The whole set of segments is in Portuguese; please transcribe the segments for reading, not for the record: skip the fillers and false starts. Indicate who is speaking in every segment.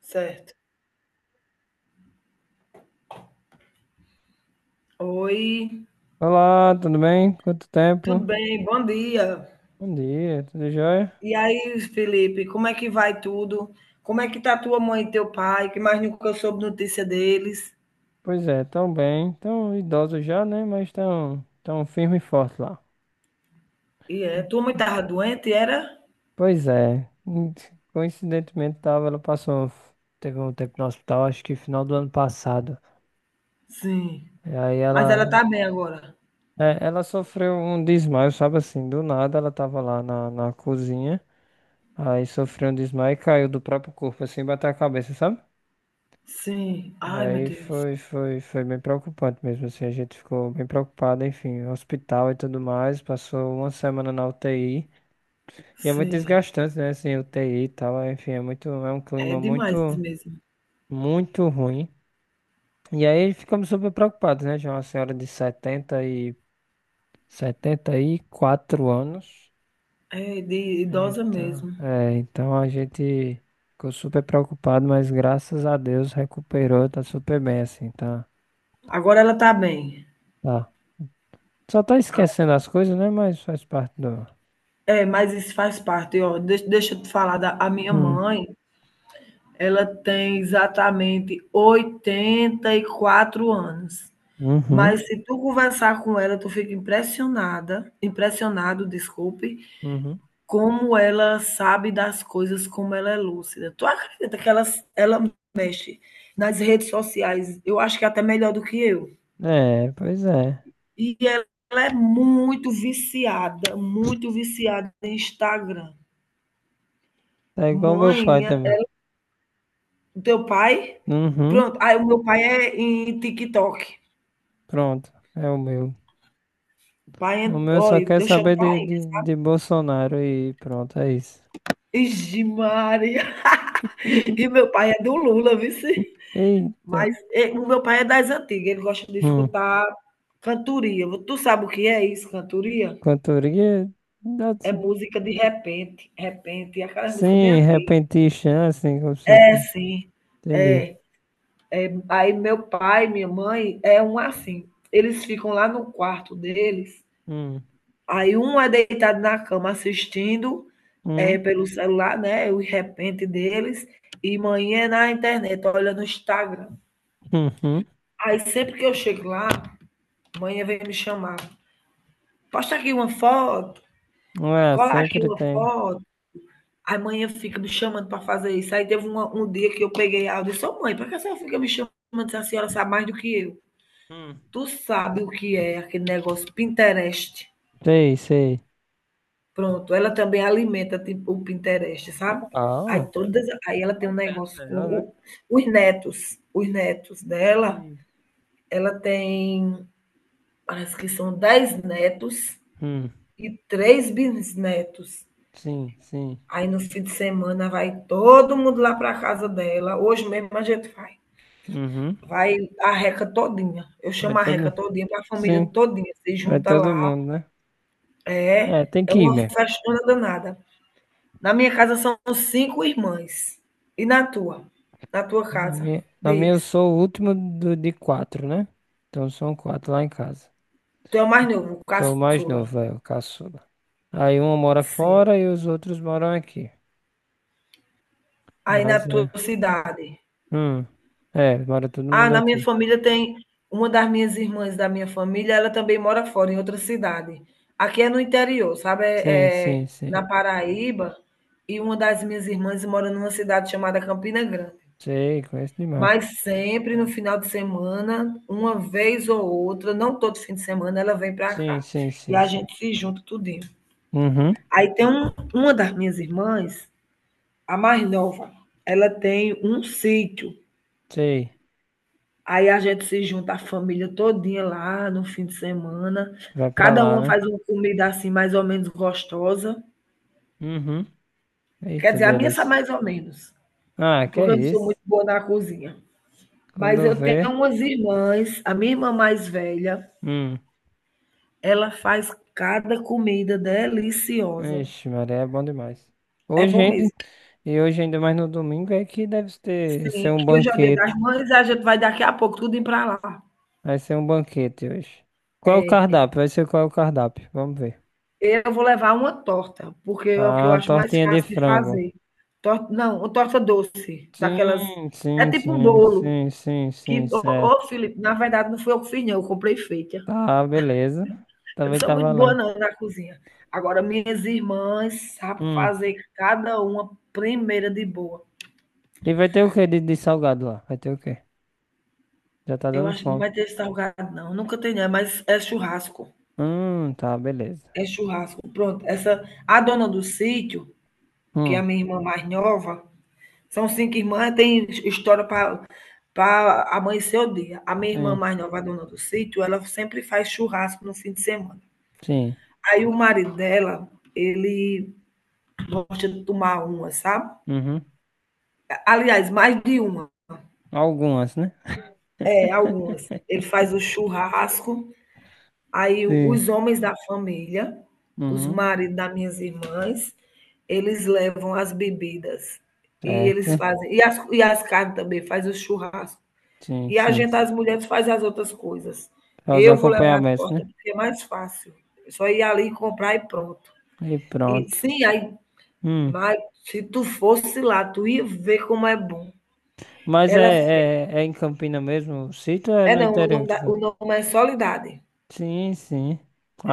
Speaker 1: Certo. Oi,
Speaker 2: Olá, tudo bem? Quanto tempo?
Speaker 1: tudo bem? Bom dia.
Speaker 2: Bom dia, tudo jóia?
Speaker 1: E aí, Felipe, como é que vai tudo? Como é que tá tua mãe e teu pai? Que mais nunca eu soube notícia deles.
Speaker 2: Pois é, tão bem, tão idosos já, né? Mas tão firme e forte lá.
Speaker 1: E é, tua mãe tava doente, era?
Speaker 2: Pois é, coincidentemente tava, ela passou, teve um tempo no hospital, acho que final do ano passado.
Speaker 1: Sim.
Speaker 2: E aí
Speaker 1: Mas ela tá bem agora?
Speaker 2: ela sofreu um desmaio, sabe assim, do nada ela tava lá na cozinha, aí sofreu um desmaio e caiu do próprio corpo, assim, bateu a cabeça, sabe?
Speaker 1: Sim.
Speaker 2: E
Speaker 1: Ai, meu
Speaker 2: aí
Speaker 1: Deus.
Speaker 2: foi bem preocupante mesmo, assim, a gente ficou bem preocupado, enfim, hospital e tudo mais, passou uma semana na UTI, e é muito
Speaker 1: Sim.
Speaker 2: desgastante, né, assim, UTI e tal, é, enfim, é um
Speaker 1: É
Speaker 2: clima
Speaker 1: demais
Speaker 2: muito,
Speaker 1: mesmo.
Speaker 2: muito ruim. E aí ficamos super preocupados, né, tinha uma senhora de 74 anos,
Speaker 1: É de idosa
Speaker 2: então,
Speaker 1: mesmo.
Speaker 2: então a gente ficou super preocupado, mas graças a Deus recuperou, tá super bem, assim, tá,
Speaker 1: Agora ela tá bem.
Speaker 2: tá. Só tá esquecendo as coisas, né? Mas faz parte do.
Speaker 1: É, mas isso faz parte, ó. Deixa eu te falar da a minha
Speaker 2: Hum.
Speaker 1: mãe. Ela tem exatamente 84 anos.
Speaker 2: Uhum.
Speaker 1: Mas se tu conversar com ela, tu fica impressionada, impressionado, desculpe,
Speaker 2: Uhum.
Speaker 1: como ela sabe das coisas, como ela é lúcida. Tu acredita que ela mexe nas redes sociais, eu acho que até melhor do que eu.
Speaker 2: É, pois é.
Speaker 1: E ela é muito viciada em Instagram.
Speaker 2: Tá igual meu
Speaker 1: Mãe,
Speaker 2: pai
Speaker 1: minha-
Speaker 2: também.
Speaker 1: Teu pai?
Speaker 2: Uhum.
Speaker 1: Pronto, aí o meu pai é em TikTok.
Speaker 2: Pronto. É o meu.
Speaker 1: O pai
Speaker 2: O
Speaker 1: é,
Speaker 2: meu só
Speaker 1: olha,
Speaker 2: quer
Speaker 1: eu chamo
Speaker 2: saber
Speaker 1: pai.
Speaker 2: de Bolsonaro e pronto, é isso.
Speaker 1: Ixi, Maria. E meu pai é do Lula, viu, vice.
Speaker 2: Eita.
Speaker 1: Mas e o meu pai é das antigas, ele gosta de
Speaker 2: Hum.
Speaker 1: escutar cantoria. Tu sabe o que é isso, cantoria?
Speaker 2: Cantoria. dá-
Speaker 1: É música de repente, repente, e aquela música bem
Speaker 2: Sim,
Speaker 1: antiga.
Speaker 2: repentista, assim, como se fosse.
Speaker 1: É, sim,
Speaker 2: Entendi.
Speaker 1: é. Aí meu pai, minha mãe, é um assim, eles ficam lá no quarto deles.
Speaker 2: Hum.
Speaker 1: Aí um é deitado na cama assistindo,
Speaker 2: Hum.
Speaker 1: eh, pelo celular, né, o repente deles, e manhã na internet, olhando no Instagram.
Speaker 2: Uhum.
Speaker 1: Aí sempre que eu chego lá, manhã vem me chamar. Posta aqui uma foto,
Speaker 2: Ah,
Speaker 1: cola aqui
Speaker 2: sempre
Speaker 1: uma
Speaker 2: tem.
Speaker 1: foto. Aí manhã fica me chamando para fazer isso. Aí teve um dia que eu peguei áudio e disse, ô mãe, por que a senhora fica me chamando se a senhora sabe mais do que eu?
Speaker 2: Hum.
Speaker 1: Tu sabe o que é aquele negócio Pinterest?
Speaker 2: Sei, sei.
Speaker 1: Pronto, ela também alimenta tipo o Pinterest, sabe.
Speaker 2: Uau.
Speaker 1: Aí todas, aí ela tem um
Speaker 2: Moderna
Speaker 1: negócio com
Speaker 2: ela, né?
Speaker 1: o os netos dela,
Speaker 2: Sim.
Speaker 1: ela tem parece que são 10 netos
Speaker 2: Hum,
Speaker 1: e 3 bisnetos.
Speaker 2: sim, sim.
Speaker 1: Aí no fim de semana vai todo mundo lá pra casa dela, hoje mesmo a gente vai.
Speaker 2: Uhum.
Speaker 1: Vai a reca todinha, eu
Speaker 2: Vai
Speaker 1: chamo a reca
Speaker 2: todo,
Speaker 1: todinha, vai a família
Speaker 2: sim,
Speaker 1: todinha, se
Speaker 2: vai
Speaker 1: junta
Speaker 2: todo
Speaker 1: lá.
Speaker 2: mundo, né?
Speaker 1: É,
Speaker 2: É, tem
Speaker 1: é
Speaker 2: que ir
Speaker 1: uma
Speaker 2: mesmo.
Speaker 1: festona danada. Na minha casa são cinco irmãs. E na tua? Na tua casa?
Speaker 2: Na minha eu
Speaker 1: Diz.
Speaker 2: sou o último de quatro, né? Então são quatro lá em casa.
Speaker 1: Tu é o mais novo,
Speaker 2: Sou o mais
Speaker 1: caçula.
Speaker 2: novo, é, o caçula. Aí um mora
Speaker 1: Sim.
Speaker 2: fora e os outros moram aqui.
Speaker 1: Aí na
Speaker 2: Mas
Speaker 1: tua
Speaker 2: é.
Speaker 1: cidade?
Speaker 2: Hum. É, mora todo
Speaker 1: Ah,
Speaker 2: mundo
Speaker 1: na minha
Speaker 2: aqui.
Speaker 1: família tem uma das minhas irmãs da minha família, ela também mora fora, em outra cidade. Aqui é no interior, sabe?
Speaker 2: Sim,
Speaker 1: É,
Speaker 2: sim,
Speaker 1: é
Speaker 2: sim.
Speaker 1: na Paraíba. E uma das minhas irmãs mora numa cidade chamada Campina Grande.
Speaker 2: Sei, conheço demais.
Speaker 1: Mas sempre no final de semana, uma vez ou outra, não todo fim de semana, ela vem para
Speaker 2: Sim,
Speaker 1: cá.
Speaker 2: sim,
Speaker 1: E
Speaker 2: sim,
Speaker 1: a
Speaker 2: sim.
Speaker 1: gente se junta tudinho.
Speaker 2: Uhum.
Speaker 1: Aí tem um, uma das minhas irmãs, a mais nova, ela tem um sítio.
Speaker 2: Sei.
Speaker 1: Aí a gente se junta a família todinha lá no fim de semana.
Speaker 2: Vai pra
Speaker 1: Cada
Speaker 2: lá,
Speaker 1: uma
Speaker 2: né?
Speaker 1: faz uma comida assim mais ou menos gostosa.
Speaker 2: Uhum.
Speaker 1: Quer
Speaker 2: Eita,
Speaker 1: dizer, a minha sai
Speaker 2: delícia.
Speaker 1: mais ou menos,
Speaker 2: Ah, que
Speaker 1: porque
Speaker 2: é
Speaker 1: eu não sou
Speaker 2: isso?
Speaker 1: muito boa na cozinha. Mas
Speaker 2: Quando
Speaker 1: eu tenho
Speaker 2: vê.
Speaker 1: umas irmãs, a minha irmã mais velha,
Speaker 2: Hum.
Speaker 1: ela faz cada comida deliciosa.
Speaker 2: Ixi, Maria, é bom demais.
Speaker 1: É
Speaker 2: Hoje
Speaker 1: bom
Speaker 2: ainda,
Speaker 1: mesmo.
Speaker 2: e hoje ainda mais no domingo,
Speaker 1: Sim,
Speaker 2: ser um
Speaker 1: que hoje é o Dia das
Speaker 2: banquete.
Speaker 1: Mães, a gente vai daqui a pouco tudo tudinho para lá.
Speaker 2: Vai ser um banquete hoje. Qual é o
Speaker 1: É,
Speaker 2: cardápio? Vai ser qual é o cardápio? Vamos ver.
Speaker 1: eu vou levar uma torta, porque é o que eu
Speaker 2: Ah,
Speaker 1: acho mais
Speaker 2: tortinha de
Speaker 1: fácil de
Speaker 2: frango.
Speaker 1: fazer. Torta não, uma torta doce, daquelas,
Speaker 2: Sim,
Speaker 1: é
Speaker 2: sim,
Speaker 1: tipo um
Speaker 2: sim,
Speaker 1: bolo
Speaker 2: sim, sim, sim,
Speaker 1: que, ô,
Speaker 2: certo.
Speaker 1: ô, Felipe, na verdade não fui eu que fiz não, eu comprei feita.
Speaker 2: Tá, beleza.
Speaker 1: Eu não
Speaker 2: Também
Speaker 1: sou
Speaker 2: tá
Speaker 1: muito boa
Speaker 2: valendo.
Speaker 1: não na cozinha. Agora minhas irmãs sabem
Speaker 2: Hum.
Speaker 1: fazer cada uma primeira de boa.
Speaker 2: E vai ter o que de salgado lá? Vai ter o quê? Já tá
Speaker 1: Eu
Speaker 2: dando
Speaker 1: acho que não
Speaker 2: fome.
Speaker 1: vai ter esse salgado, não. Nunca tem, né? Mas é churrasco.
Speaker 2: Tá, beleza.
Speaker 1: É churrasco. Pronto. Essa, a dona do sítio, que é a
Speaker 2: Hum,
Speaker 1: minha irmã mais nova, são cinco irmãs, tem história para para amanhecer o dia. A minha irmã
Speaker 2: sim,
Speaker 1: mais nova, a dona do sítio, ela sempre faz churrasco no fim de semana.
Speaker 2: sim.
Speaker 1: Aí o marido dela, ele gosta de tomar uma, sabe?
Speaker 2: Uhum.
Speaker 1: Aliás, mais de uma.
Speaker 2: Algumas, né?
Speaker 1: É, algumas. Ele faz o churrasco. Aí
Speaker 2: Sim.
Speaker 1: os homens da família, os
Speaker 2: Uhum.
Speaker 1: maridos das minhas irmãs, eles levam as bebidas e eles
Speaker 2: Certo.
Speaker 1: fazem, e as carnes também, faz o churrasco.
Speaker 2: Sim,
Speaker 1: E a
Speaker 2: sim.
Speaker 1: gente, as mulheres, faz as outras coisas.
Speaker 2: Só os
Speaker 1: Eu vou levar a
Speaker 2: acompanhamentos,
Speaker 1: torta
Speaker 2: né?
Speaker 1: porque é mais fácil. É só ir ali comprar e pronto.
Speaker 2: E
Speaker 1: E
Speaker 2: pronto.
Speaker 1: sim, aí,
Speaker 2: Hum.
Speaker 1: mas se tu fosse lá, tu ia ver como é bom.
Speaker 2: Mas é,
Speaker 1: Ela fez.
Speaker 2: é, é em Campina mesmo o sítio ou é
Speaker 1: É
Speaker 2: no
Speaker 1: não, o
Speaker 2: interior
Speaker 1: nome,
Speaker 2: que tu vai?
Speaker 1: o nome é Solidade.
Speaker 2: Sim, sim.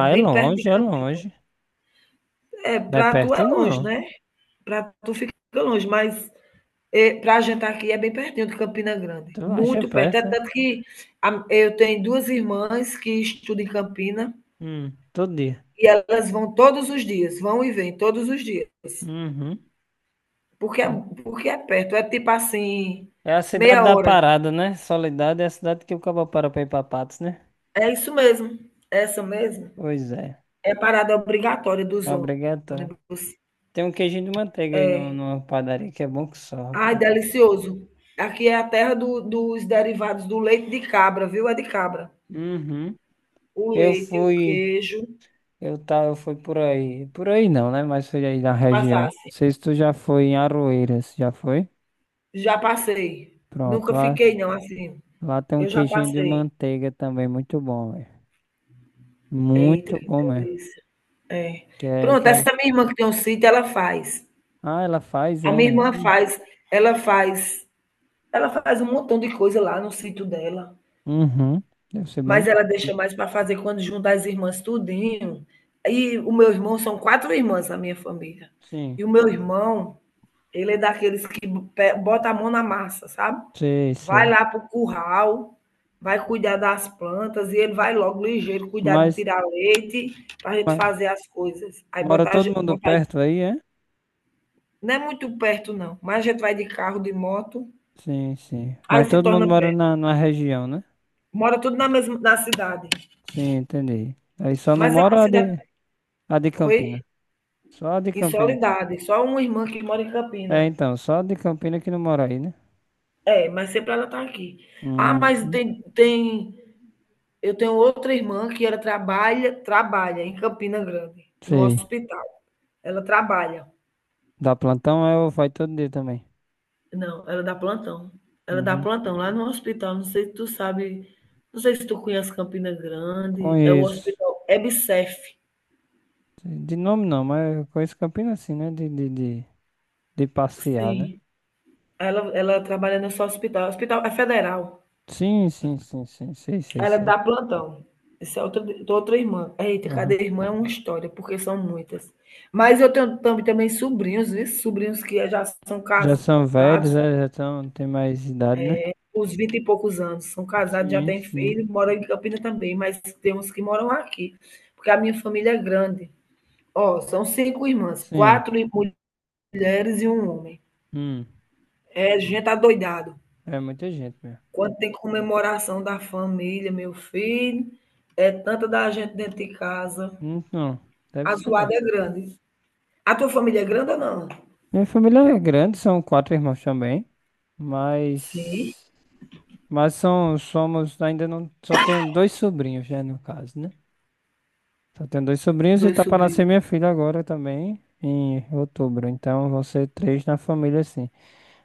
Speaker 1: É
Speaker 2: é
Speaker 1: bem perto de
Speaker 2: longe, é
Speaker 1: Campinas.
Speaker 2: longe.
Speaker 1: É,
Speaker 2: Não é
Speaker 1: pra tu é
Speaker 2: perto,
Speaker 1: longe,
Speaker 2: não.
Speaker 1: né? Para tu fica longe, mas é, para a gente aqui é bem pertinho de Campina Grande,
Speaker 2: Tu acha
Speaker 1: muito perto. É
Speaker 2: perto, é?
Speaker 1: tanto que eu tenho duas irmãs que estudam em Campina
Speaker 2: Todo dia.
Speaker 1: e elas vão todos os dias, vão e vêm todos os dias,
Speaker 2: Uhum.
Speaker 1: porque é, porque é perto, é tipo assim,
Speaker 2: É a cidade
Speaker 1: meia
Speaker 2: da
Speaker 1: hora.
Speaker 2: parada, né? Soledade é a cidade que o cabo para pra ir pra Patos, né?
Speaker 1: É isso mesmo, é essa mesmo.
Speaker 2: Pois é.
Speaker 1: É parada obrigatória dos
Speaker 2: É obrigatório.
Speaker 1: ônibus.
Speaker 2: Tem um queijinho de manteiga aí no,
Speaker 1: É.
Speaker 2: numa padaria que é bom que só,
Speaker 1: Ai,
Speaker 2: rapaz.
Speaker 1: delicioso. Aqui é a terra dos derivados do leite de cabra, viu? É de cabra.
Speaker 2: Uhum.
Speaker 1: O
Speaker 2: Eu
Speaker 1: leite e o
Speaker 2: fui,
Speaker 1: queijo
Speaker 2: eu fui por aí. Por aí não, né? Mas foi aí na região. Não
Speaker 1: passasse.
Speaker 2: sei se tu já foi em Aroeiras, já foi?
Speaker 1: Já passei.
Speaker 2: Pronto,
Speaker 1: Nunca
Speaker 2: lá,
Speaker 1: fiquei, não, assim.
Speaker 2: lá tem um
Speaker 1: Eu já
Speaker 2: queijinho de
Speaker 1: passei.
Speaker 2: manteiga também, muito bom, velho.
Speaker 1: Eita,
Speaker 2: Muito
Speaker 1: que
Speaker 2: bom mesmo.
Speaker 1: delícia. É. Pronto,
Speaker 2: Que é...
Speaker 1: essa minha irmã que tem um sítio, ela faz.
Speaker 2: Ah, ela faz,
Speaker 1: A minha
Speaker 2: é.
Speaker 1: irmã
Speaker 2: Isso.
Speaker 1: faz, ela faz, ela faz um montão de coisa lá no sítio dela,
Speaker 2: Uhum. Deve ser bom
Speaker 1: mas ela
Speaker 2: demais.
Speaker 1: deixa mais para fazer quando juntar as irmãs tudinho. E o meu irmão, são quatro irmãs na minha família.
Speaker 2: Sim,
Speaker 1: E o meu irmão, ele é daqueles que bota a mão na massa, sabe?
Speaker 2: sei,
Speaker 1: Vai
Speaker 2: sei.
Speaker 1: lá pro curral, vai cuidar das plantas e ele vai logo ligeiro cuidar de
Speaker 2: Mas,
Speaker 1: tirar leite para a gente
Speaker 2: mas
Speaker 1: fazer as coisas. Aí
Speaker 2: mora
Speaker 1: botar,
Speaker 2: todo mundo
Speaker 1: botar,
Speaker 2: perto aí, é?
Speaker 1: não é muito perto não, mas a gente vai de carro, de moto,
Speaker 2: Sim, sim.
Speaker 1: aí
Speaker 2: Mas
Speaker 1: se
Speaker 2: todo
Speaker 1: torna
Speaker 2: mundo mora
Speaker 1: perto.
Speaker 2: na região, né?
Speaker 1: Mora tudo na mesma na cidade,
Speaker 2: Sim, entendi. Aí só não
Speaker 1: mas é uma
Speaker 2: mora
Speaker 1: cidade,
Speaker 2: a de
Speaker 1: oi,
Speaker 2: Campina. Só a de
Speaker 1: em
Speaker 2: Campina.
Speaker 1: Solidade, só uma irmã que mora em
Speaker 2: É,
Speaker 1: Campina.
Speaker 2: então, só a de Campina que não mora aí, né?
Speaker 1: É, mas sempre ela tá aqui. Ah, mas
Speaker 2: Uhum.
Speaker 1: tem eu tenho outra irmã que ela trabalha em Campina Grande, no
Speaker 2: Sei.
Speaker 1: hospital. Ela trabalha.
Speaker 2: Dá plantão, eu vai todo dia também.
Speaker 1: Não, ela dá plantão. Ela dá
Speaker 2: Uhum.
Speaker 1: plantão lá no hospital, não sei se tu sabe, não sei se tu conhece Campina Grande, é o
Speaker 2: Conheço.
Speaker 1: hospital EBSERH.
Speaker 2: De nome não, mas eu conheço Campina assim, né? De, de passear, né?
Speaker 1: Sim, ela trabalha nesse hospital, hospital é federal.
Speaker 2: Sim, sim, sim, sim. Sei, sei,
Speaker 1: Ela
Speaker 2: sei.
Speaker 1: dá plantão. Essa é outra irmã. Eita, cada
Speaker 2: Aham.
Speaker 1: irmã é uma história, porque são muitas. Mas eu tenho também sobrinhos, viu, sobrinhos que já são
Speaker 2: Já são velhos,
Speaker 1: casados,
Speaker 2: é, já tão, tem mais idade, né?
Speaker 1: uns 20 e poucos anos. São casados, já
Speaker 2: Sim,
Speaker 1: têm
Speaker 2: sim.
Speaker 1: filho, moram em Campinas também, mas tem uns que moram aqui, porque a minha família é grande. Ó, são cinco irmãs,
Speaker 2: Sim.
Speaker 1: quatro mulheres e um homem.
Speaker 2: Hum.
Speaker 1: É gente adoidado.
Speaker 2: É muita gente mesmo.
Speaker 1: Quando tem comemoração da família, meu filho, é tanta da gente dentro de casa.
Speaker 2: Não, deve
Speaker 1: A
Speaker 2: ser mesmo.
Speaker 1: zoada é grande. A tua família é grande ou não?
Speaker 2: Minha família é grande, são quatro irmãos também, mas
Speaker 1: Sim,
Speaker 2: mas são somos ainda não só tenho dois sobrinhos, já no caso, né? Só tenho dois sobrinhos e
Speaker 1: dois
Speaker 2: tá para nascer
Speaker 1: sobrinhos.
Speaker 2: minha filha agora também em outubro, então vão ser três na família sim.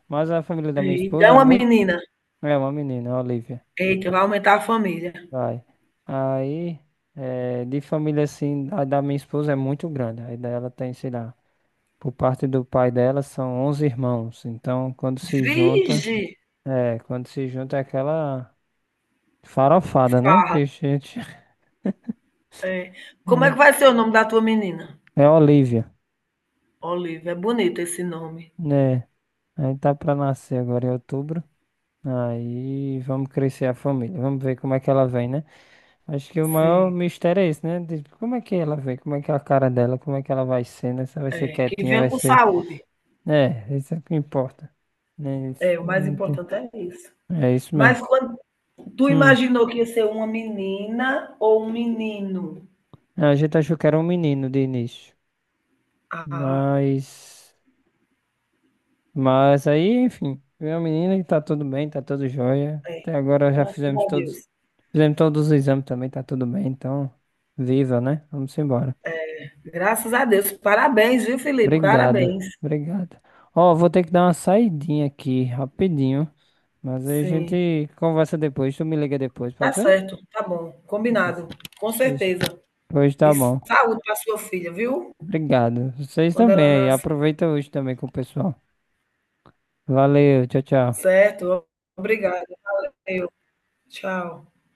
Speaker 2: Mas a família da minha
Speaker 1: Eita,
Speaker 2: esposa é
Speaker 1: uma
Speaker 2: muito
Speaker 1: menina.
Speaker 2: é uma menina, a Olivia.
Speaker 1: Eita, vai aumentar a família.
Speaker 2: Vai. Aí é, de família assim, a da minha esposa é muito grande. Aí dela tem, sei lá, por parte do pai dela são 11 irmãos. Então,
Speaker 1: Vige,
Speaker 2: quando se junta é aquela farofada, né?
Speaker 1: farra.
Speaker 2: Que a gente
Speaker 1: Como é
Speaker 2: é,
Speaker 1: que vai ser o nome da tua menina?
Speaker 2: é Olívia,
Speaker 1: Olivia, é bonito esse nome.
Speaker 2: né? Aí tá pra nascer agora em outubro. Aí vamos crescer a família. Vamos ver como é que ela vem, né? Acho que o maior
Speaker 1: Sim.
Speaker 2: mistério é esse, né? De como é que ela vem? Como é que é a cara dela? Como é que ela vai ser, né? Se ela vai ser
Speaker 1: É, que
Speaker 2: quietinha, vai
Speaker 1: venha com
Speaker 2: ser.
Speaker 1: saúde.
Speaker 2: É, isso é o que importa. Né? Isso
Speaker 1: É, o mais
Speaker 2: não tem-
Speaker 1: importante é isso.
Speaker 2: É isso mesmo.
Speaker 1: Mas quando tu
Speaker 2: Hum.
Speaker 1: imaginou que ia ser uma menina ou um menino?
Speaker 2: A gente achou que era um menino de início,
Speaker 1: Ah,
Speaker 2: mas, mas aí, enfim, veio a menina e tá tudo bem, tá tudo jóia.
Speaker 1: é,
Speaker 2: Até agora já
Speaker 1: graças a Deus.
Speaker 2: fizemos todos os exames também, tá tudo bem, então, viva, né? Vamos embora.
Speaker 1: Graças a Deus. Parabéns, viu, Felipe?
Speaker 2: Obrigado,
Speaker 1: Parabéns.
Speaker 2: obrigado. Ó, vou ter que dar uma saidinha aqui, rapidinho, mas aí a
Speaker 1: Sim.
Speaker 2: gente conversa depois, tu me liga depois,
Speaker 1: Tá
Speaker 2: pode ser?
Speaker 1: certo, tá bom,
Speaker 2: Beleza.
Speaker 1: combinado, com
Speaker 2: Pois,
Speaker 1: certeza.
Speaker 2: pois
Speaker 1: E
Speaker 2: tá bom.
Speaker 1: saúde para sua filha, viu?
Speaker 2: Obrigado. Vocês
Speaker 1: Quando ela
Speaker 2: também aí,
Speaker 1: nascer.
Speaker 2: aproveita hoje também com o pessoal. Valeu, tchau, tchau.
Speaker 1: Certo. Obrigada. Valeu. Tchau.